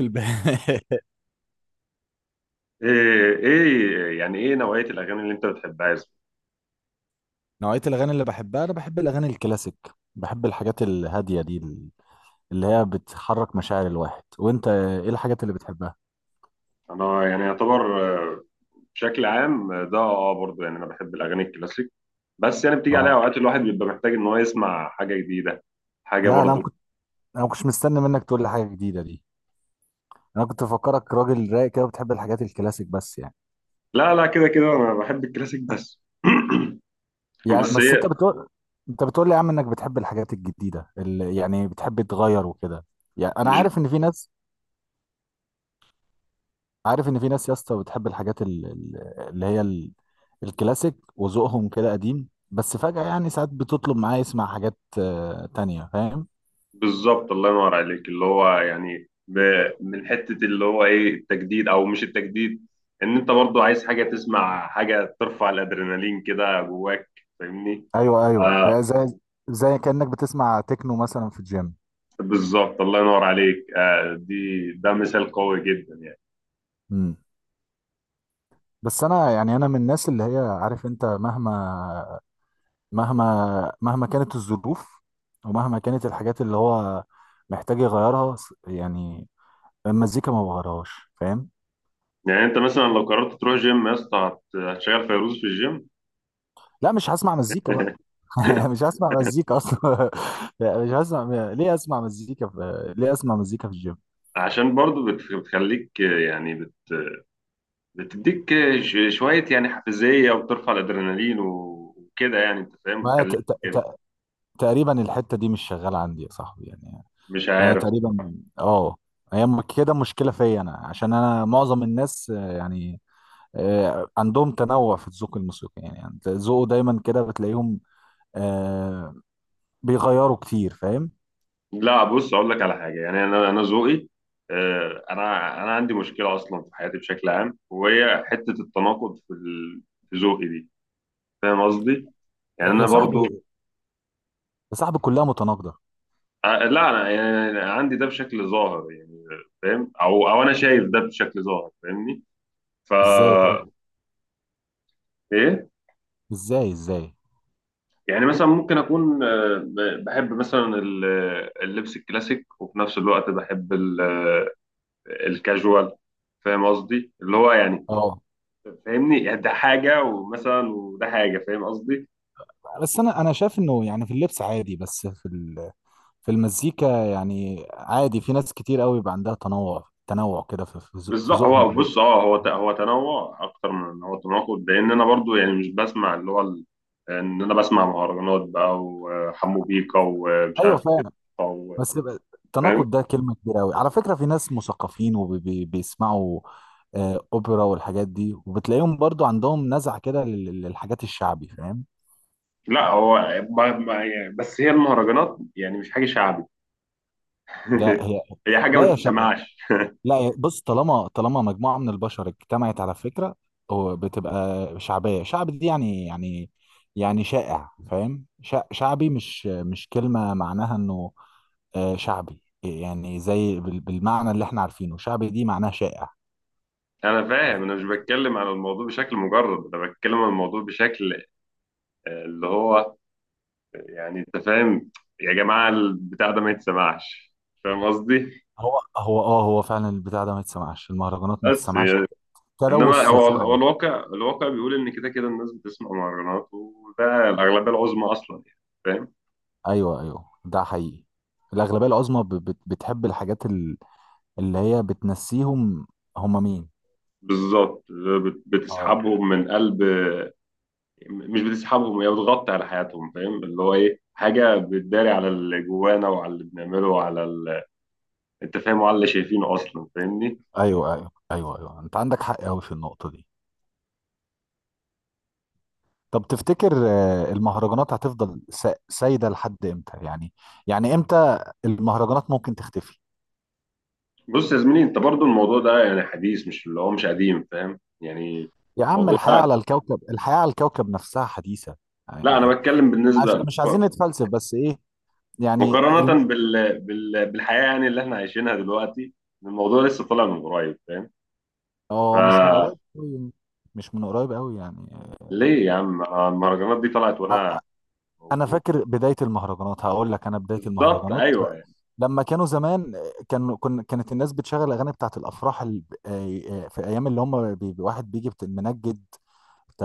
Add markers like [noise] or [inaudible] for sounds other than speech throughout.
الب... [laughs] ايه يعني ايه نوعية الأغاني اللي أنت بتحبها يا زلمة؟ نوعية الأغاني اللي بحبها أنا بحب الأغاني الكلاسيك. بحب الحاجات الهادية دي اللي هي بتحرك مشاعر الواحد، وأنت إيه الحاجات اللي بتحبها؟ أنا يعني يعتبر، آه، بشكل عام، ده برضه يعني أنا بحب الأغاني الكلاسيك. بس يعني بتيجي عليها أه، أوقات الواحد بيبقى محتاج إن هو يسمع حاجة جديدة، حاجة لا برضه. أنا ما كنتش مستني منك تقول لي حاجة جديدة دي. أنا كنت بفكرك راجل رايق كده وبتحب الحاجات الكلاسيك بس يعني. لا لا، كده كده أنا بحب الكلاسيك بس. [clears throat] يعني بس بس أنت هي بتقول، أنت بتقول لي يا عم إنك بتحب الحاجات الجديدة اللي يعني بتحب تغير وكده. يعني أنا مش، عارف إن في ناس، عارف ان في ناس يا اسطى بتحب الحاجات اللي هي ال- الكلاسيك وذوقهم كده قديم، بس فجأة يعني ساعات بتطلب معاه يسمع حاجات تانية، فاهم. بالظبط، الله ينور عليك، اللي هو يعني من حتة اللي هو ايه التجديد أو مش التجديد، إن أنت برضه عايز حاجة، تسمع حاجة ترفع الأدرينالين كده جواك. فاهمني؟ ايوه ايوه، زي، زي كانك بتسمع تكنو مثلا في الجيم. بالظبط، الله ينور عليك. دي ده مثال قوي جدا يعني. مم. بس انا يعني انا من الناس اللي هي، عارف انت، مهما مهما كانت الظروف، ومهما كانت الحاجات اللي هو محتاج يغيرها، يعني المزيكا ما بغيرهاش، فاهم. يعني انت مثلا لو قررت تروح جيم يا اسطى هتشغل فيروز في الجيم؟ لا مش هسمع مزيكا بقى. [laughs] مش هسمع مزيكا اصلا. [laughs] مش هسمع. ليه اسمع مزيكا ليه اسمع مزيكا في الجيم؟ عشان برضو بتخليك، يعني بت بتديك، شوية يعني حافزية وبترفع الادرينالين وكده يعني انت فاهم، ما ت... بتخليك ت... ت... تقريبا الحته دي مش شغاله عندي يا صاحبي يعني. مش انا عارف. تقريبا، اه، هي كده مشكله فيا انا، عشان انا معظم الناس يعني عندهم تنوع في الذوق الموسيقي، يعني أنت ذوقه دايما كده، بتلاقيهم آه، بيغيروا كتير، فاهم. لا بص اقول لك على حاجة، يعني انا ذوقي، انا عندي مشكلة اصلا في حياتي بشكل عام، وهي حتة التناقض في في ذوقي دي. فاهم قصدي؟ يعني يا انا برضو، صاحبي، يا صاحبي كلها متناقضه. لا انا يعني عندي ده بشكل ظاهر يعني، فاهم، او انا شايف ده بشكل ظاهر، فاهمني؟ ازاي فا طيب؟ ايه. ازاي؟ يعني مثلا ممكن اكون، بحب مثلا اللبس الكلاسيك، وفي نفس الوقت بحب الكاجوال. فاهم قصدي؟ اللي هو يعني، اه، فاهمني، يعني ده حاجة ومثلا وده حاجة، فاهم قصدي. بس انا شايف انه يعني في اللبس عادي، بس في في المزيكا، يعني عادي في ناس كتير قوي بيبقى عندها تنوع، تنوع كده في في بالظبط. هو ذوقهم. بص، اه هو هو تنوع اكتر من ان هو تناقض، لان انا برضو يعني مش بسمع اللي هو ان انا بسمع مهرجانات بقى وحمو بيكا ومش ايوه عارف ايه فعلا. و- بس يبقى فاهم. التناقض ده كلمه كبيره قوي على فكره. في ناس مثقفين وبيسمعوا اوبرا والحاجات دي، وبتلاقيهم برضو عندهم نزعه كده للحاجات الشعبي، فاهم. لا هو، يعني بس هي المهرجانات يعني مش حاجه شعبي. ده هي، [laughs] هي حاجه لا ما يا شعب، تتسمعش. لا بص، طالما مجموعة من البشر اجتمعت على فكرة، هو بتبقى شعبية. شعب دي يعني، يعني يعني شائع، فاهم. شعبي مش كلمة معناها انه شعبي، يعني زي بالمعنى اللي احنا عارفينه، شعبي دي معناها شائع. انا فاهم، انا مش بتكلم على الموضوع بشكل مجرد، انا بتكلم على الموضوع بشكل، اللي هو يعني انت فاهم، يا جماعه البتاع ده ما يتسمعش، فاهم قصدي؟ هو فعلا البتاع ده ما يتسمعش، المهرجانات ما بس تسمعش، يعني، تلوث انما هو سمعي. الواقع، الواقع بيقول ان كده كده الناس بتسمع مهرجانات، وده الاغلبيه العظمى اصلا يعني، فاهم. ايوه ايوه، ده حقيقي. الأغلبية العظمى بتحب الحاجات اللي هي بتنسيهم، هم مين؟ بالظبط، اه. بتسحبهم من قلب. مش بتسحبهم، هي بتغطي على حياتهم، فاهم، اللي هو ايه، حاجه بتداري على اللي جوانا وعلى اللي بنعمله وعلى ال... انت فاهم، وعلى اللي شايفينه اصلا، فاهمني. ايوه ايوه ايوه ايوه، انت عندك حق قوي في النقطه دي. طب تفتكر المهرجانات هتفضل سايده لحد امتى يعني؟ يعني امتى المهرجانات ممكن تختفي؟ بص يا زميلي، انت برضو الموضوع ده يعني حديث، مش اللي هو مش قديم، فاهم يعني يا عم الموضوع الحياه ده. على الكوكب، الحياه على الكوكب نفسها حديثه لا انا يعني. بتكلم عش بالنسبه، مش عايزين نتفلسف، بس ايه، يعني مقارنة بال... بال... بالحياة يعني اللي احنا عايشينها دلوقتي، الموضوع لسه طالع من قريب فاهم. اه، مش من فليه؟ قريب قوي، مش من قريب قوي يعني. يا عم أنا المهرجانات دي طلعت وانا آه، انا موجود. فاكر بدايه المهرجانات، هقول لك انا بدايه بالظبط، المهرجانات ايوه يعني. لما كانوا زمان، كانوا كن كانت الناس بتشغل الاغاني بتاعت الافراح في ايام اللي هم واحد بيجي منجد،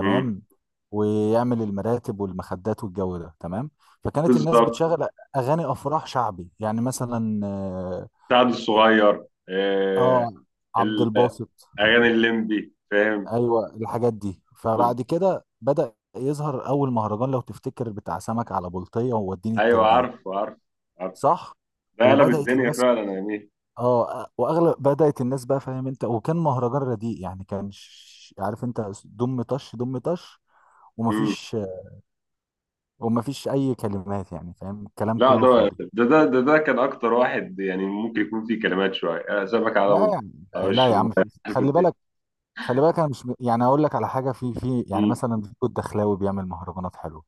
مم. ويعمل المراتب والمخدات والجو ده، تمام. فكانت الناس بالظبط. بتشغل اغاني افراح شعبي، يعني مثلا اه، سعد الصغير، آه، عبد ال- الباسط. اغاني الليمبي فاهم. ايوه الحاجات دي. بالظبط، فبعد كده بدأ يظهر اول مهرجان، لو تفتكر، بتاع سمك على بلطية ووديني ايوه التنجيد. عارف عارف عارف. صح. ده قلب وبدأت الدنيا الناس، فعلا يا مين. اه، واغلب بدات الناس بقى، فاهم انت، وكان مهرجان رديء يعني، كان عارف انت، دم طش دم طش، مم. ومفيش ومفيش اي كلمات، يعني فاهم، الكلام لا كله ده فاضي. ده ده ده ده كان اكتر واحد يعني ممكن يكون فيه كلمات شويه، أنا سابك على لا بلطة، على يعني، لا وش يا الميه. عم، في عارف خلي إنت بالك، إيه؟ خلي بالك انا مش يعني اقول لك على حاجه، في يعني مم. مثلا فيكو الدخلاوي بيعمل مهرجانات حلوه.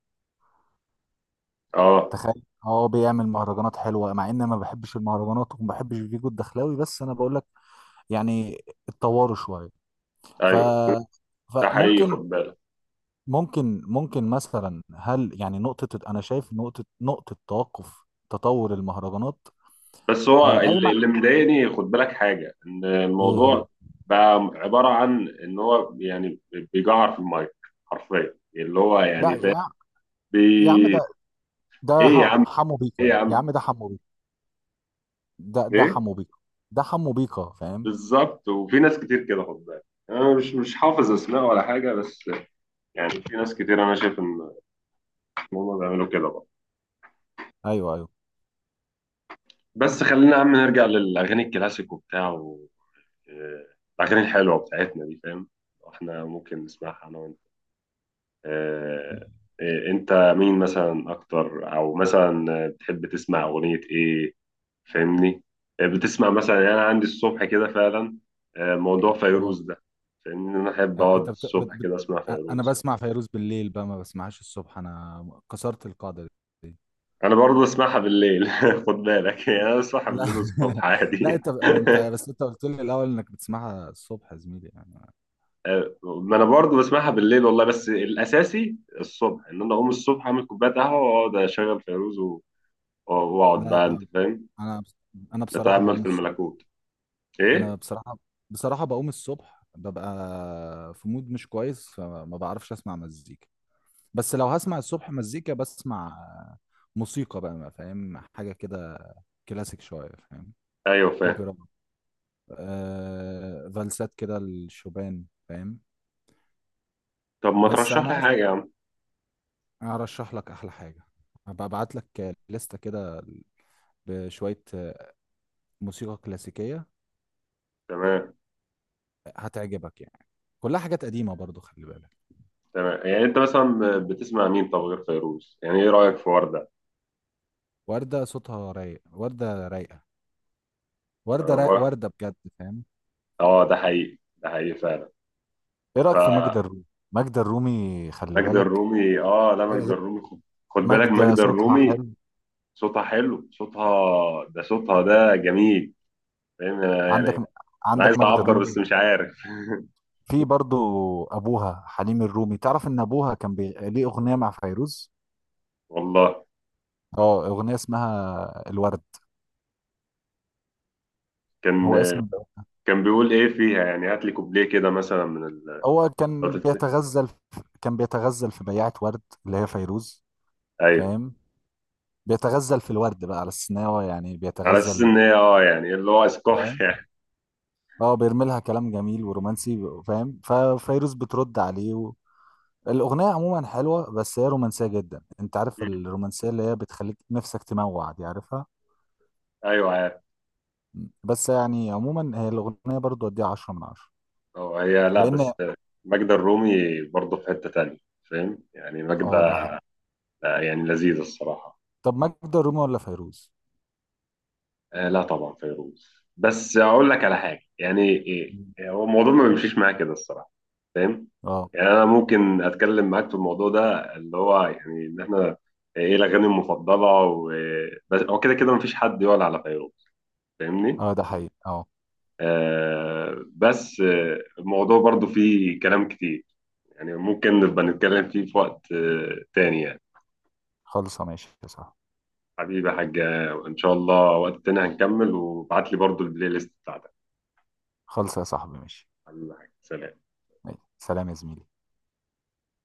اه تخيل، اه بيعمل مهرجانات حلوه، مع ان ما بحبش المهرجانات وما بحبش فيجو الدخلاوي، بس انا بقول لك يعني اتطوروا شويه. ف، ايوه ده حقيقي، خد فممكن بالك. ممكن ممكن مثلا، هل يعني نقطة، أنا شايف نقطة، نقطة توقف تطور المهرجانات بس هو اللي قايمة، اللي مضايقني، خد بالك حاجه، ان إيه هي؟ الموضوع بقى عباره عن ان هو يعني بيجعر في المايك، حرفيا اللي هو لا يعني فاهم. يا، يا عم بي... ده، ايه يا عم، حمو ايه بيكا يا ده. يا عم، عم ده حمو بيكا، ده ايه. حمو بيكا، ده حمو بيكا، فاهم؟ بالظبط. وفي ناس كتير كده خد بالك، انا مش حافظ اسماء ولا حاجه، بس يعني في ناس كتير انا شايف ان، إن هم بيعملوا كده بقى. أيوه أيوه. بس خلينا يا عم نرجع للاغاني الكلاسيك وبتاع و... آه، الاغاني الحلوه بتاعتنا دي، فاهم، احنا ممكن نسمعها. انا آه، انت مين مثلا اكتر، او مثلا بتحب تسمع اغنية ايه؟ فاهمني. بتسمع مثلا، يعني انا عندي الصبح كده فعلا موضوع أه، فيروز ده، فاهمني، انا احب آه، اقعد أنت بت... بت... الصبح بت... كده اسمع آه، أنا فيروز. بسمع فيروز بالليل بقى، ما بسمعهاش الصبح، أنا كسرت القاعدة دي. انا برضه بسمعها بالليل [laughs] خد بالك، يعني انا بسمعها لا بالليل والصبح [laughs] لا عادي. انت [laughs] انت بس انت قلت لي الاول انك بتسمعها الصبح يا زميلي يعني. ما انا برضه بسمعها بالليل والله، بس الاساسي الصبح، ان انا اقوم الصبح اعمل كوبايه قهوه واقعد اشغل فيروز واقعد بقى انت لا فاهم، انا انا بصراحه اتامل بقوم في الصبح، الملكوت. انا ايه؟ بصراحه، بصراحه بقوم الصبح، ببقى في مود مش كويس، فما بعرفش اسمع مزيكا. بس لو هسمع الصبح مزيكا، بسمع موسيقى بقى، ما فاهم حاجه كده، كلاسيك شويه، فاهم، ايوه فاهم. اوبرا، آه، فالسات كده، الشوبان، فاهم. طب ما بس ترشح انا لي عايز حاجه يا عم. ارشح لك احلى حاجه، هبقى ابعت لك لستة كده بشويه موسيقى كلاسيكيه تمام. هتعجبك يعني، كلها حاجات قديمه برضو، خلي بالك. تمام، يعني انت مثلا بتسمع مين، طب غير فيروز؟ يعني ايه رايك في ورده؟ وردة صوتها رايق، وردة رايقة، وردة رايق، اه، وردة بجد، فاهم. ده حقيقي ده حقيقي فعلا. ايه رأيك في ماجدة فماجدة الرومي؟ ماجدة الرومي، خلي بالك، الرومي، اه لا ماجدة الرومي، خد، خد بالك ماجدة ماجدة صوتها الرومي، حلو. صوتها حلو صوتها، ده صوتها ده جميل، فاهم. أنا عندك، يعني انا عايز عندك ماجدة اعبر بس الرومي، مش عارف. في برضو ابوها حليم الرومي، تعرف ان ابوها كان ليه اغنية مع فيروز؟ والله. اه اغنية اسمها الورد. كان هو اسم، كان بيقول ايه فيها يعني، هات لي كوبليه كده مثلا من ال... هو كان قلت-، كان بيتغزل في بياعة ورد اللي هي فيروز، ايوه، فاهم، بيتغزل في الورد بقى على السناوة يعني على اساس بيتغزل، ان هي اه يعني اللي هو اسقاط [laughs] يعني. اه، بيرمي لها كلام جميل ورومانسي، فاهم. ففيروز بترد عليه و... الاغنيه عموما حلوه، بس هي رومانسيه جدا، انت عارف مم. الرومانسيه اللي هي بتخليك نفسك تموع دي، عارفها. ايوه. بس يعني عموما هي الاغنيه برضو اديها 10 من 10، هو هي لا بس لان ماجدة الرومي برضه في حتة تانية، فاهم يعني ماجدة، اه ده حقيقي. يعني لذيذة الصراحة. طب ماجدة الرومي ولا فيروز؟ آه لا طبعا فيروز. بس أقول لك على حاجة، يعني إيه إيه، هو الموضوع ما بيمشيش معايا كده الصراحة، فاهم. اه يعني أنا ممكن أتكلم معاك في الموضوع ده، اللي هو يعني إن إحنا إيه الأغاني المفضلة، و بس هو كده كده مفيش حد يقول على فيروز، فاهمني. اه، ده حقيقي اه. آه بس، الموضوع برضه فيه كلام كتير، يعني ممكن نبقى نتكلم فيه في وقت تاني يعني. خلصه ماشي يا صاحبي، حبيبي يا حاج، ان شاء الله وقت تاني هنكمل، وابعت لي برضو البلاي ليست بتاعتك. خلصه يا صاحبي، ماشي. حبيبي يا حاج، سلام. ماشي. سلام يا زميلي.